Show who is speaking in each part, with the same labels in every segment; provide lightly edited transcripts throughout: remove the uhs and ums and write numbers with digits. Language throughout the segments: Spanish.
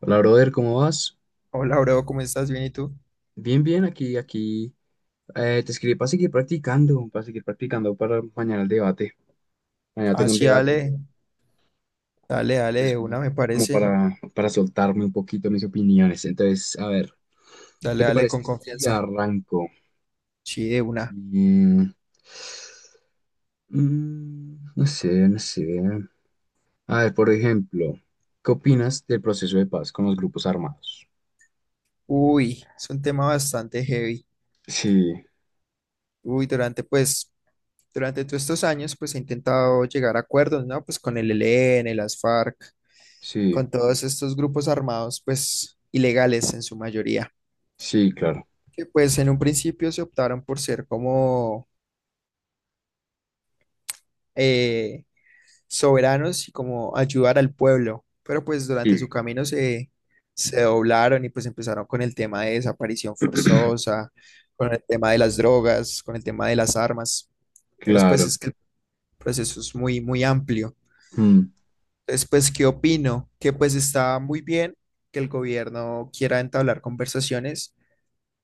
Speaker 1: Hola, brother, ¿cómo vas?
Speaker 2: Hola, bro, ¿cómo estás? Bien, ¿y tú?
Speaker 1: Bien, bien, aquí, aquí. Te escribí para seguir practicando, para mañana el debate. Mañana
Speaker 2: Ah,
Speaker 1: tengo un
Speaker 2: sí,
Speaker 1: debate,
Speaker 2: dale, dale,
Speaker 1: es
Speaker 2: de
Speaker 1: como,
Speaker 2: una me
Speaker 1: como
Speaker 2: parece.
Speaker 1: para, soltarme un poquito mis opiniones. Entonces, a ver, ¿qué
Speaker 2: Dale,
Speaker 1: te
Speaker 2: dale con
Speaker 1: parece si
Speaker 2: confianza.
Speaker 1: arranco?
Speaker 2: Sí, de una.
Speaker 1: Mm, no sé, no sé. A ver, por ejemplo, ¿qué opinas del proceso de paz con los grupos armados?
Speaker 2: Uy, es un tema bastante heavy.
Speaker 1: Sí,
Speaker 2: Uy, durante, pues, durante todos estos años, pues he intentado llegar a acuerdos, ¿no? Pues con el ELN, las FARC,
Speaker 1: sí,
Speaker 2: con todos estos grupos armados, pues, ilegales en su mayoría.
Speaker 1: sí, claro.
Speaker 2: Que pues en un principio se optaron por ser como eh, soberanos y como ayudar al pueblo. Pero pues durante su
Speaker 1: Sí.
Speaker 2: camino se doblaron y pues empezaron con el tema de desaparición forzosa, con el tema de las drogas, con el tema de las armas. Entonces pues
Speaker 1: Claro.
Speaker 2: es que el proceso es muy, muy amplio.
Speaker 1: Mm,
Speaker 2: Entonces pues, ¿qué opino? Que pues está muy bien que el gobierno quiera entablar conversaciones,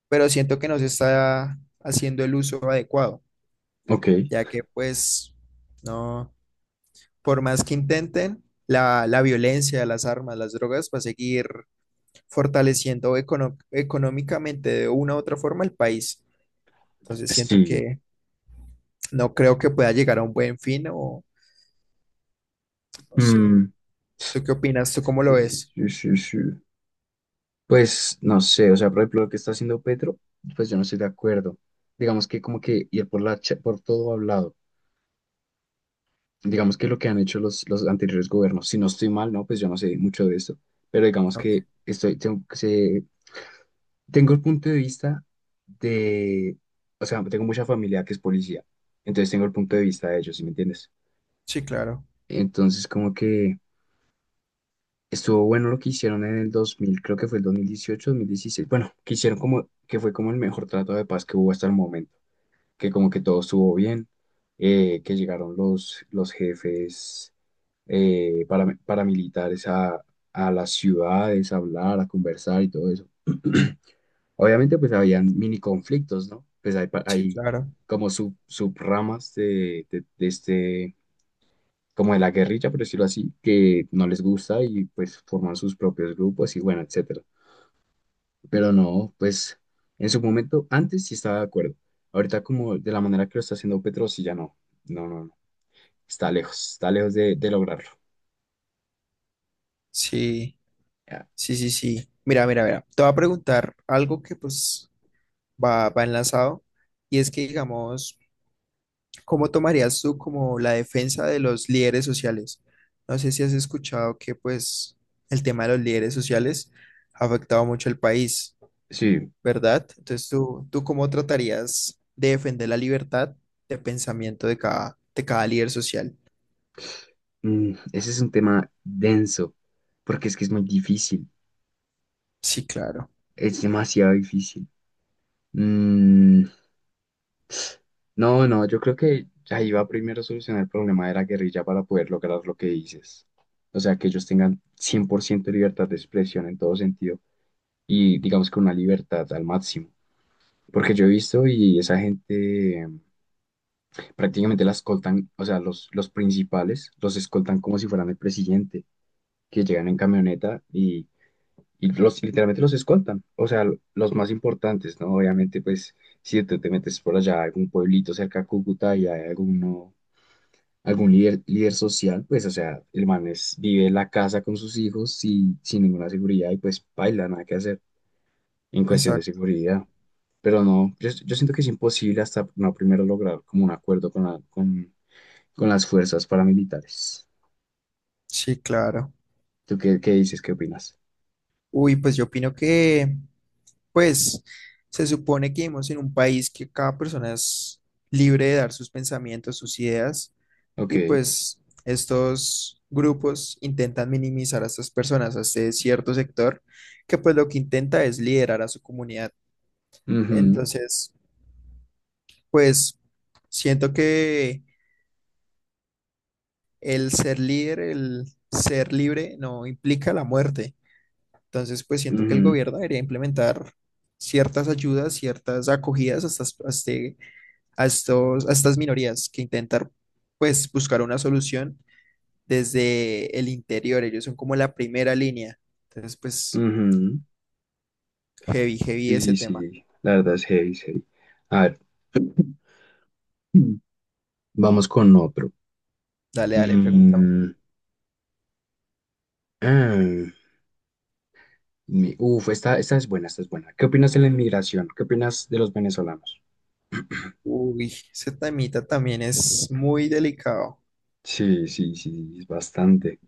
Speaker 2: pero siento que no se está haciendo el uso adecuado,
Speaker 1: ok,
Speaker 2: ya que pues no. Por más que intenten, la violencia, las armas, las drogas va a seguir fortaleciendo económicamente de una u otra forma el país. Entonces siento
Speaker 1: sí.
Speaker 2: que no creo que pueda llegar a un buen fin o no sé.
Speaker 1: Mm,
Speaker 2: ¿Tú qué opinas? ¿Tú cómo lo ves?
Speaker 1: sí, sí, sí. Pues no sé, o sea, por ejemplo, lo que está haciendo Petro, pues yo no estoy de acuerdo. Digamos que como que ir por todo hablado. Digamos que lo que han hecho los anteriores gobiernos, si no estoy mal, ¿no? Pues yo no sé mucho de esto, pero digamos
Speaker 2: Ok.
Speaker 1: que estoy, tengo, tengo el punto de vista de, o sea, tengo mucha familia que es policía, entonces tengo el punto de vista de ellos, ¿sí me entiendes?
Speaker 2: Sí, claro.
Speaker 1: Entonces como que. Estuvo bueno lo que hicieron en el 2000, creo que fue el 2018, 2016. Bueno, que hicieron como, que fue como el mejor trato de paz que hubo hasta el momento, que como que todo estuvo bien, que llegaron los jefes, paramilitares a, las ciudades a hablar, a conversar y todo eso. Obviamente pues habían mini conflictos, ¿no? Pues hay,
Speaker 2: Sí,
Speaker 1: hay
Speaker 2: claro.
Speaker 1: como subramas de, este, como de la guerrilla, por decirlo así, que no les gusta y pues forman sus propios grupos y bueno, etcétera. Pero no, pues en su momento antes sí estaba de acuerdo. Ahorita como de la manera que lo está haciendo Petro, sí ya no. No, no, no. Está lejos de, lograrlo.
Speaker 2: Sí,
Speaker 1: Ya.
Speaker 2: sí, sí, sí. Mira, mira, mira. Te voy a preguntar algo que pues va enlazado y es que digamos... ¿Cómo tomarías tú como la defensa de los líderes sociales? No sé si has escuchado que pues el tema de los líderes sociales ha afectado mucho al país,
Speaker 1: Sí,
Speaker 2: ¿verdad? Entonces, tú cómo tratarías de defender la libertad de pensamiento de de cada líder social?
Speaker 1: ese es un tema denso, porque es que es muy difícil,
Speaker 2: Sí, claro,
Speaker 1: es demasiado difícil. Mm, no, no, yo creo que ahí va primero a solucionar el problema de la guerrilla para poder lograr lo que dices. O sea, que ellos tengan 100% libertad de expresión en todo sentido y digamos que una libertad al máximo. Porque yo he visto y esa gente prácticamente la escoltan, o sea, los principales los escoltan como si fueran el presidente, que llegan en camioneta y los, literalmente los escoltan, o sea, los más importantes, ¿no? Obviamente, pues, si tú te metes por allá a algún pueblito cerca a Cúcuta y hay alguno, algún líder, social, pues, o sea, el man vive en la casa con sus hijos y sin ninguna seguridad y pues baila, nada que hacer en cuestión de
Speaker 2: exacto,
Speaker 1: seguridad. Pero no, yo siento que es imposible hasta no primero lograr como un acuerdo con las fuerzas paramilitares.
Speaker 2: sí, claro.
Speaker 1: ¿Tú qué, dices? ¿Qué opinas?
Speaker 2: Uy, pues yo opino que, pues, se supone que vivimos en un país que cada persona es libre de dar sus pensamientos, sus ideas. Y
Speaker 1: Ok.
Speaker 2: pues estos grupos intentan minimizar a estas personas, a este cierto sector, que pues lo que intenta es liderar a su comunidad.
Speaker 1: Ujú,
Speaker 2: Entonces, pues siento que el ser líder, el ser libre, no implica la muerte. Entonces, pues siento que el
Speaker 1: ujú,
Speaker 2: gobierno debería implementar ciertas ayudas, ciertas acogidas a estas, a estos, a estas minorías que intentar pues buscar una solución desde el interior. Ellos son como la primera línea. Entonces, pues,
Speaker 1: ujú.
Speaker 2: heavy, heavy ese
Speaker 1: Sí,
Speaker 2: tema.
Speaker 1: sí, la verdad es heavy, es heavy. A ver, vamos con otro.
Speaker 2: Dale, dale, pregúntame.
Speaker 1: Mm, ah, uf, esta es buena, esta es buena. ¿Qué opinas de la inmigración? ¿Qué opinas de los venezolanos?
Speaker 2: Uy, ese temita también es muy delicado.
Speaker 1: Sí, sí, sí, es bastante.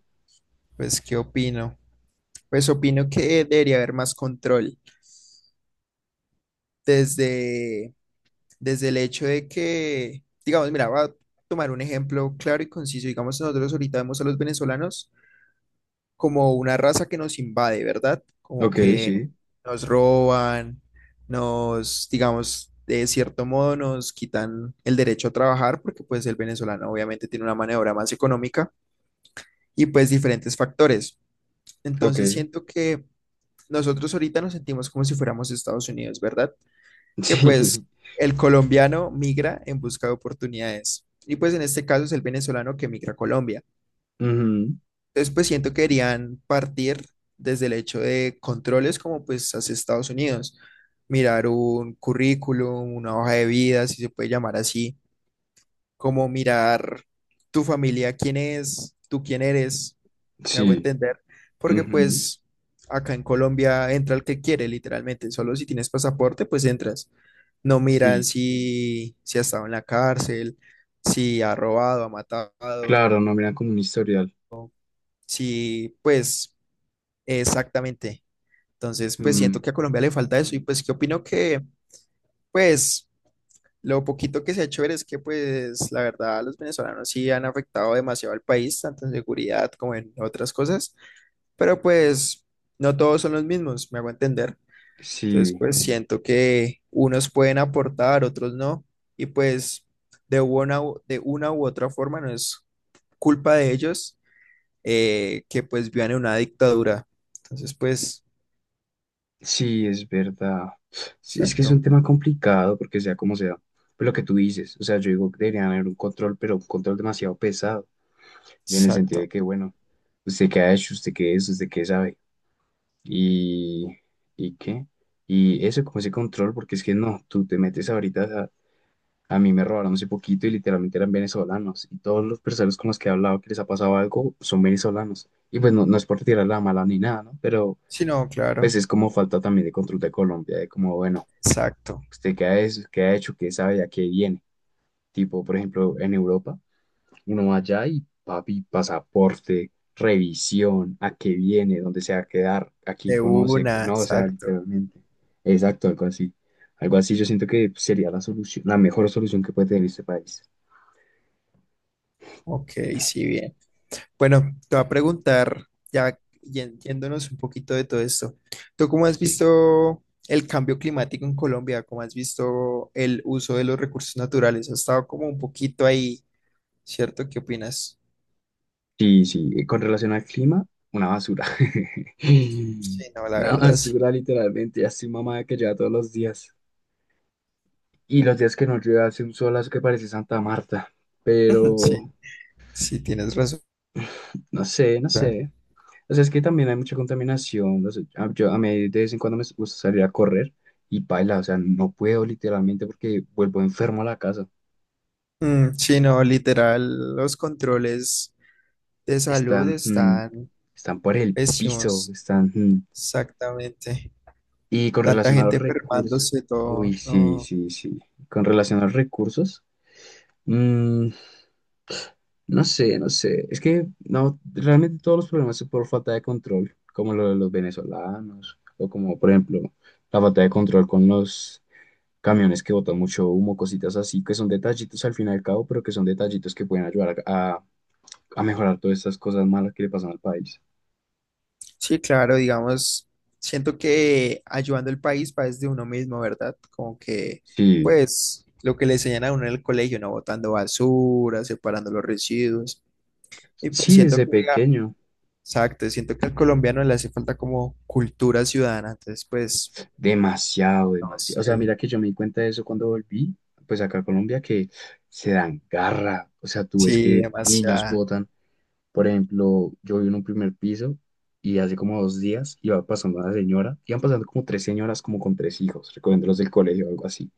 Speaker 2: Pues, ¿qué opino? Pues opino que debería haber más control desde, desde el hecho de que, digamos, mira, voy a tomar un ejemplo claro y conciso. Digamos, nosotros ahorita vemos a los venezolanos como una raza que nos invade, ¿verdad? Como
Speaker 1: Ok,
Speaker 2: que
Speaker 1: sí,
Speaker 2: nos roban, digamos, de cierto modo nos quitan el derecho a trabajar porque pues el venezolano obviamente tiene una mano de obra más económica y pues diferentes factores.
Speaker 1: ok.
Speaker 2: Entonces siento que nosotros ahorita nos sentimos como si fuéramos Estados Unidos, ¿verdad? Que pues
Speaker 1: Sí.
Speaker 2: el colombiano migra en busca de oportunidades y pues en este caso es el venezolano que migra a Colombia.
Speaker 1: Ujú,
Speaker 2: Entonces, pues siento que querían partir desde el hecho de controles como pues hacia Estados Unidos, mirar un currículum, una hoja de vida, si se puede llamar así, como mirar tu familia, quién es, tú quién eres, me hago
Speaker 1: sí.
Speaker 2: entender, porque
Speaker 1: Ujú,
Speaker 2: pues acá en Colombia entra el que quiere, literalmente, solo si tienes pasaporte, pues entras. No miran
Speaker 1: sí,
Speaker 2: si ha estado en la cárcel, si ha robado, ha matado,
Speaker 1: claro, no miran como un historial.
Speaker 2: si pues... Exactamente. Entonces, pues siento
Speaker 1: Mm,
Speaker 2: que a Colombia le falta eso y pues que opino que, pues, lo poquito que se ha hecho ver es que, pues, la verdad, los venezolanos sí han afectado demasiado al país, tanto en seguridad como en otras cosas, pero pues no todos son los mismos, me hago entender. Entonces,
Speaker 1: sí,
Speaker 2: pues siento que unos pueden aportar, otros no, y pues de una, de una u otra forma no es culpa de ellos que pues vivan en una dictadura. Entonces, pues,
Speaker 1: sí, es verdad. Sí, es que es
Speaker 2: exacto,
Speaker 1: un tema complicado porque sea como sea, pues lo que tú dices, o sea, yo digo que deberían haber un control, pero un control demasiado pesado, en el sentido de
Speaker 2: exacto.
Speaker 1: que, bueno, usted qué ha hecho, usted qué es, usted qué sabe, y, qué, y eso como ese control, porque es que no, tú te metes ahorita. A mí me robaron hace poquito y literalmente eran venezolanos. Y todos los personas con los que he hablado que les ha pasado algo son venezolanos. Y pues no, no es por tirar la mala ni nada, ¿no? Pero
Speaker 2: Sí, no,
Speaker 1: pues
Speaker 2: claro.
Speaker 1: es como falta también de control de Colombia, de como, bueno,
Speaker 2: Exacto.
Speaker 1: ¿usted qué ha, qué ha hecho? ¿Qué sabe? ¿A qué viene? Tipo, por ejemplo, en Europa, uno va allá y papi, pasaporte, revisión, ¿a qué viene? ¿Dónde se va a quedar? ¿A quién
Speaker 2: De
Speaker 1: conoce?
Speaker 2: una,
Speaker 1: No, o sea,
Speaker 2: exacto.
Speaker 1: literalmente. Exacto, algo así. Algo así yo siento que sería la solución, la mejor solución que puede tener este país.
Speaker 2: Ok, sí, bien. Bueno, te voy a preguntar, ya yéndonos un poquito de todo esto, ¿tú cómo has
Speaker 1: Sí.
Speaker 2: visto el cambio climático en Colombia? ¿Cómo has visto el uso de los recursos naturales? Ha estado como un poquito ahí, ¿cierto? ¿Qué opinas?
Speaker 1: Sí, sí, con relación al clima, una basura.
Speaker 2: Sí, no, la
Speaker 1: Una
Speaker 2: verdad, sí.
Speaker 1: basura, literalmente. Ya estoy mamada que lleva todos los días. Y los días que no llueve hace un solazo que parece Santa Marta. Pero
Speaker 2: Sí, sí, tienes razón.
Speaker 1: no sé, no sé. O sea, es que también hay mucha contaminación. No sé, yo a mí de vez en cuando me gusta salir a correr y paila. O sea, no puedo literalmente porque vuelvo enfermo a la casa.
Speaker 2: Mm, sí, no, literal, los controles de salud
Speaker 1: Están,
Speaker 2: están
Speaker 1: están por el piso,
Speaker 2: pésimos. Exactamente.
Speaker 1: Y con
Speaker 2: Tanta
Speaker 1: relación a los
Speaker 2: gente
Speaker 1: recursos,
Speaker 2: enfermándose,
Speaker 1: uy,
Speaker 2: todo,
Speaker 1: sí,
Speaker 2: no.
Speaker 1: sí, sí. Con relación a los recursos, mm, no sé, no sé. Es que no, realmente todos los problemas son por falta de control, como lo de los venezolanos, o como por ejemplo la falta de control con los camiones que botan mucho humo, cositas así, que son detallitos al fin y al cabo, pero que son detallitos que pueden ayudar a, mejorar todas estas cosas malas que le pasan al país.
Speaker 2: Sí, claro, digamos, siento que ayudando al país va desde uno mismo, ¿verdad? Como que,
Speaker 1: Sí,
Speaker 2: pues, lo que le enseñan a uno en el colegio, ¿no? Botando basura, separando los residuos. Y pues
Speaker 1: sí,
Speaker 2: siento
Speaker 1: desde
Speaker 2: que,
Speaker 1: pequeño.
Speaker 2: exacto, siento que al colombiano le hace falta como cultura ciudadana, entonces, pues,
Speaker 1: Demasiado,
Speaker 2: no
Speaker 1: demasiado. O sea,
Speaker 2: sé.
Speaker 1: mira que yo me di cuenta de eso cuando volví, pues acá a Colombia, que se dan garra. O sea, tú ves
Speaker 2: Sí,
Speaker 1: que niños
Speaker 2: demasiado.
Speaker 1: botan. Por ejemplo, yo vivo en un primer piso y hace como 2 días iba pasando una señora, iban pasando como tres señoras, como con tres hijos, recogiéndolos del colegio o algo así.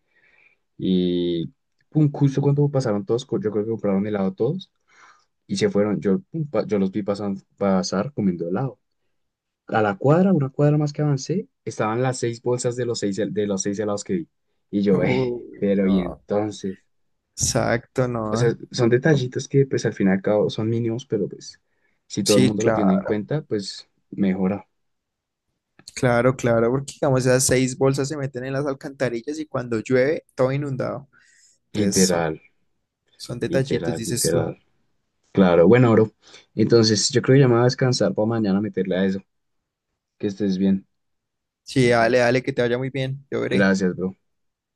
Speaker 1: Y pum, justo cuando pasaron todos, yo creo que compraron helado todos y se fueron. Yo, pum, yo los vi pasar comiendo helado. A la cuadra, una cuadra más que avancé, estaban las seis bolsas de los seis, de los seis helados que vi. Y yo,
Speaker 2: Uy,
Speaker 1: pero y
Speaker 2: no,
Speaker 1: entonces.
Speaker 2: exacto,
Speaker 1: O sea,
Speaker 2: no.
Speaker 1: son detallitos que pues al fin y al cabo son mínimos, pero pues si todo el
Speaker 2: Sí,
Speaker 1: mundo lo tiene en
Speaker 2: claro.
Speaker 1: cuenta, pues mejora.
Speaker 2: Claro, claro, porque digamos esas seis bolsas se meten en las alcantarillas y cuando llueve todo inundado. Entonces son,
Speaker 1: Literal,
Speaker 2: son detallitos,
Speaker 1: literal,
Speaker 2: dices tú.
Speaker 1: literal. Claro, bueno, bro. Entonces yo creo que ya me voy a descansar para mañana meterle a eso. Que estés bien.
Speaker 2: Sí, dale, dale, que te vaya muy bien. Yo veré.
Speaker 1: Gracias, bro.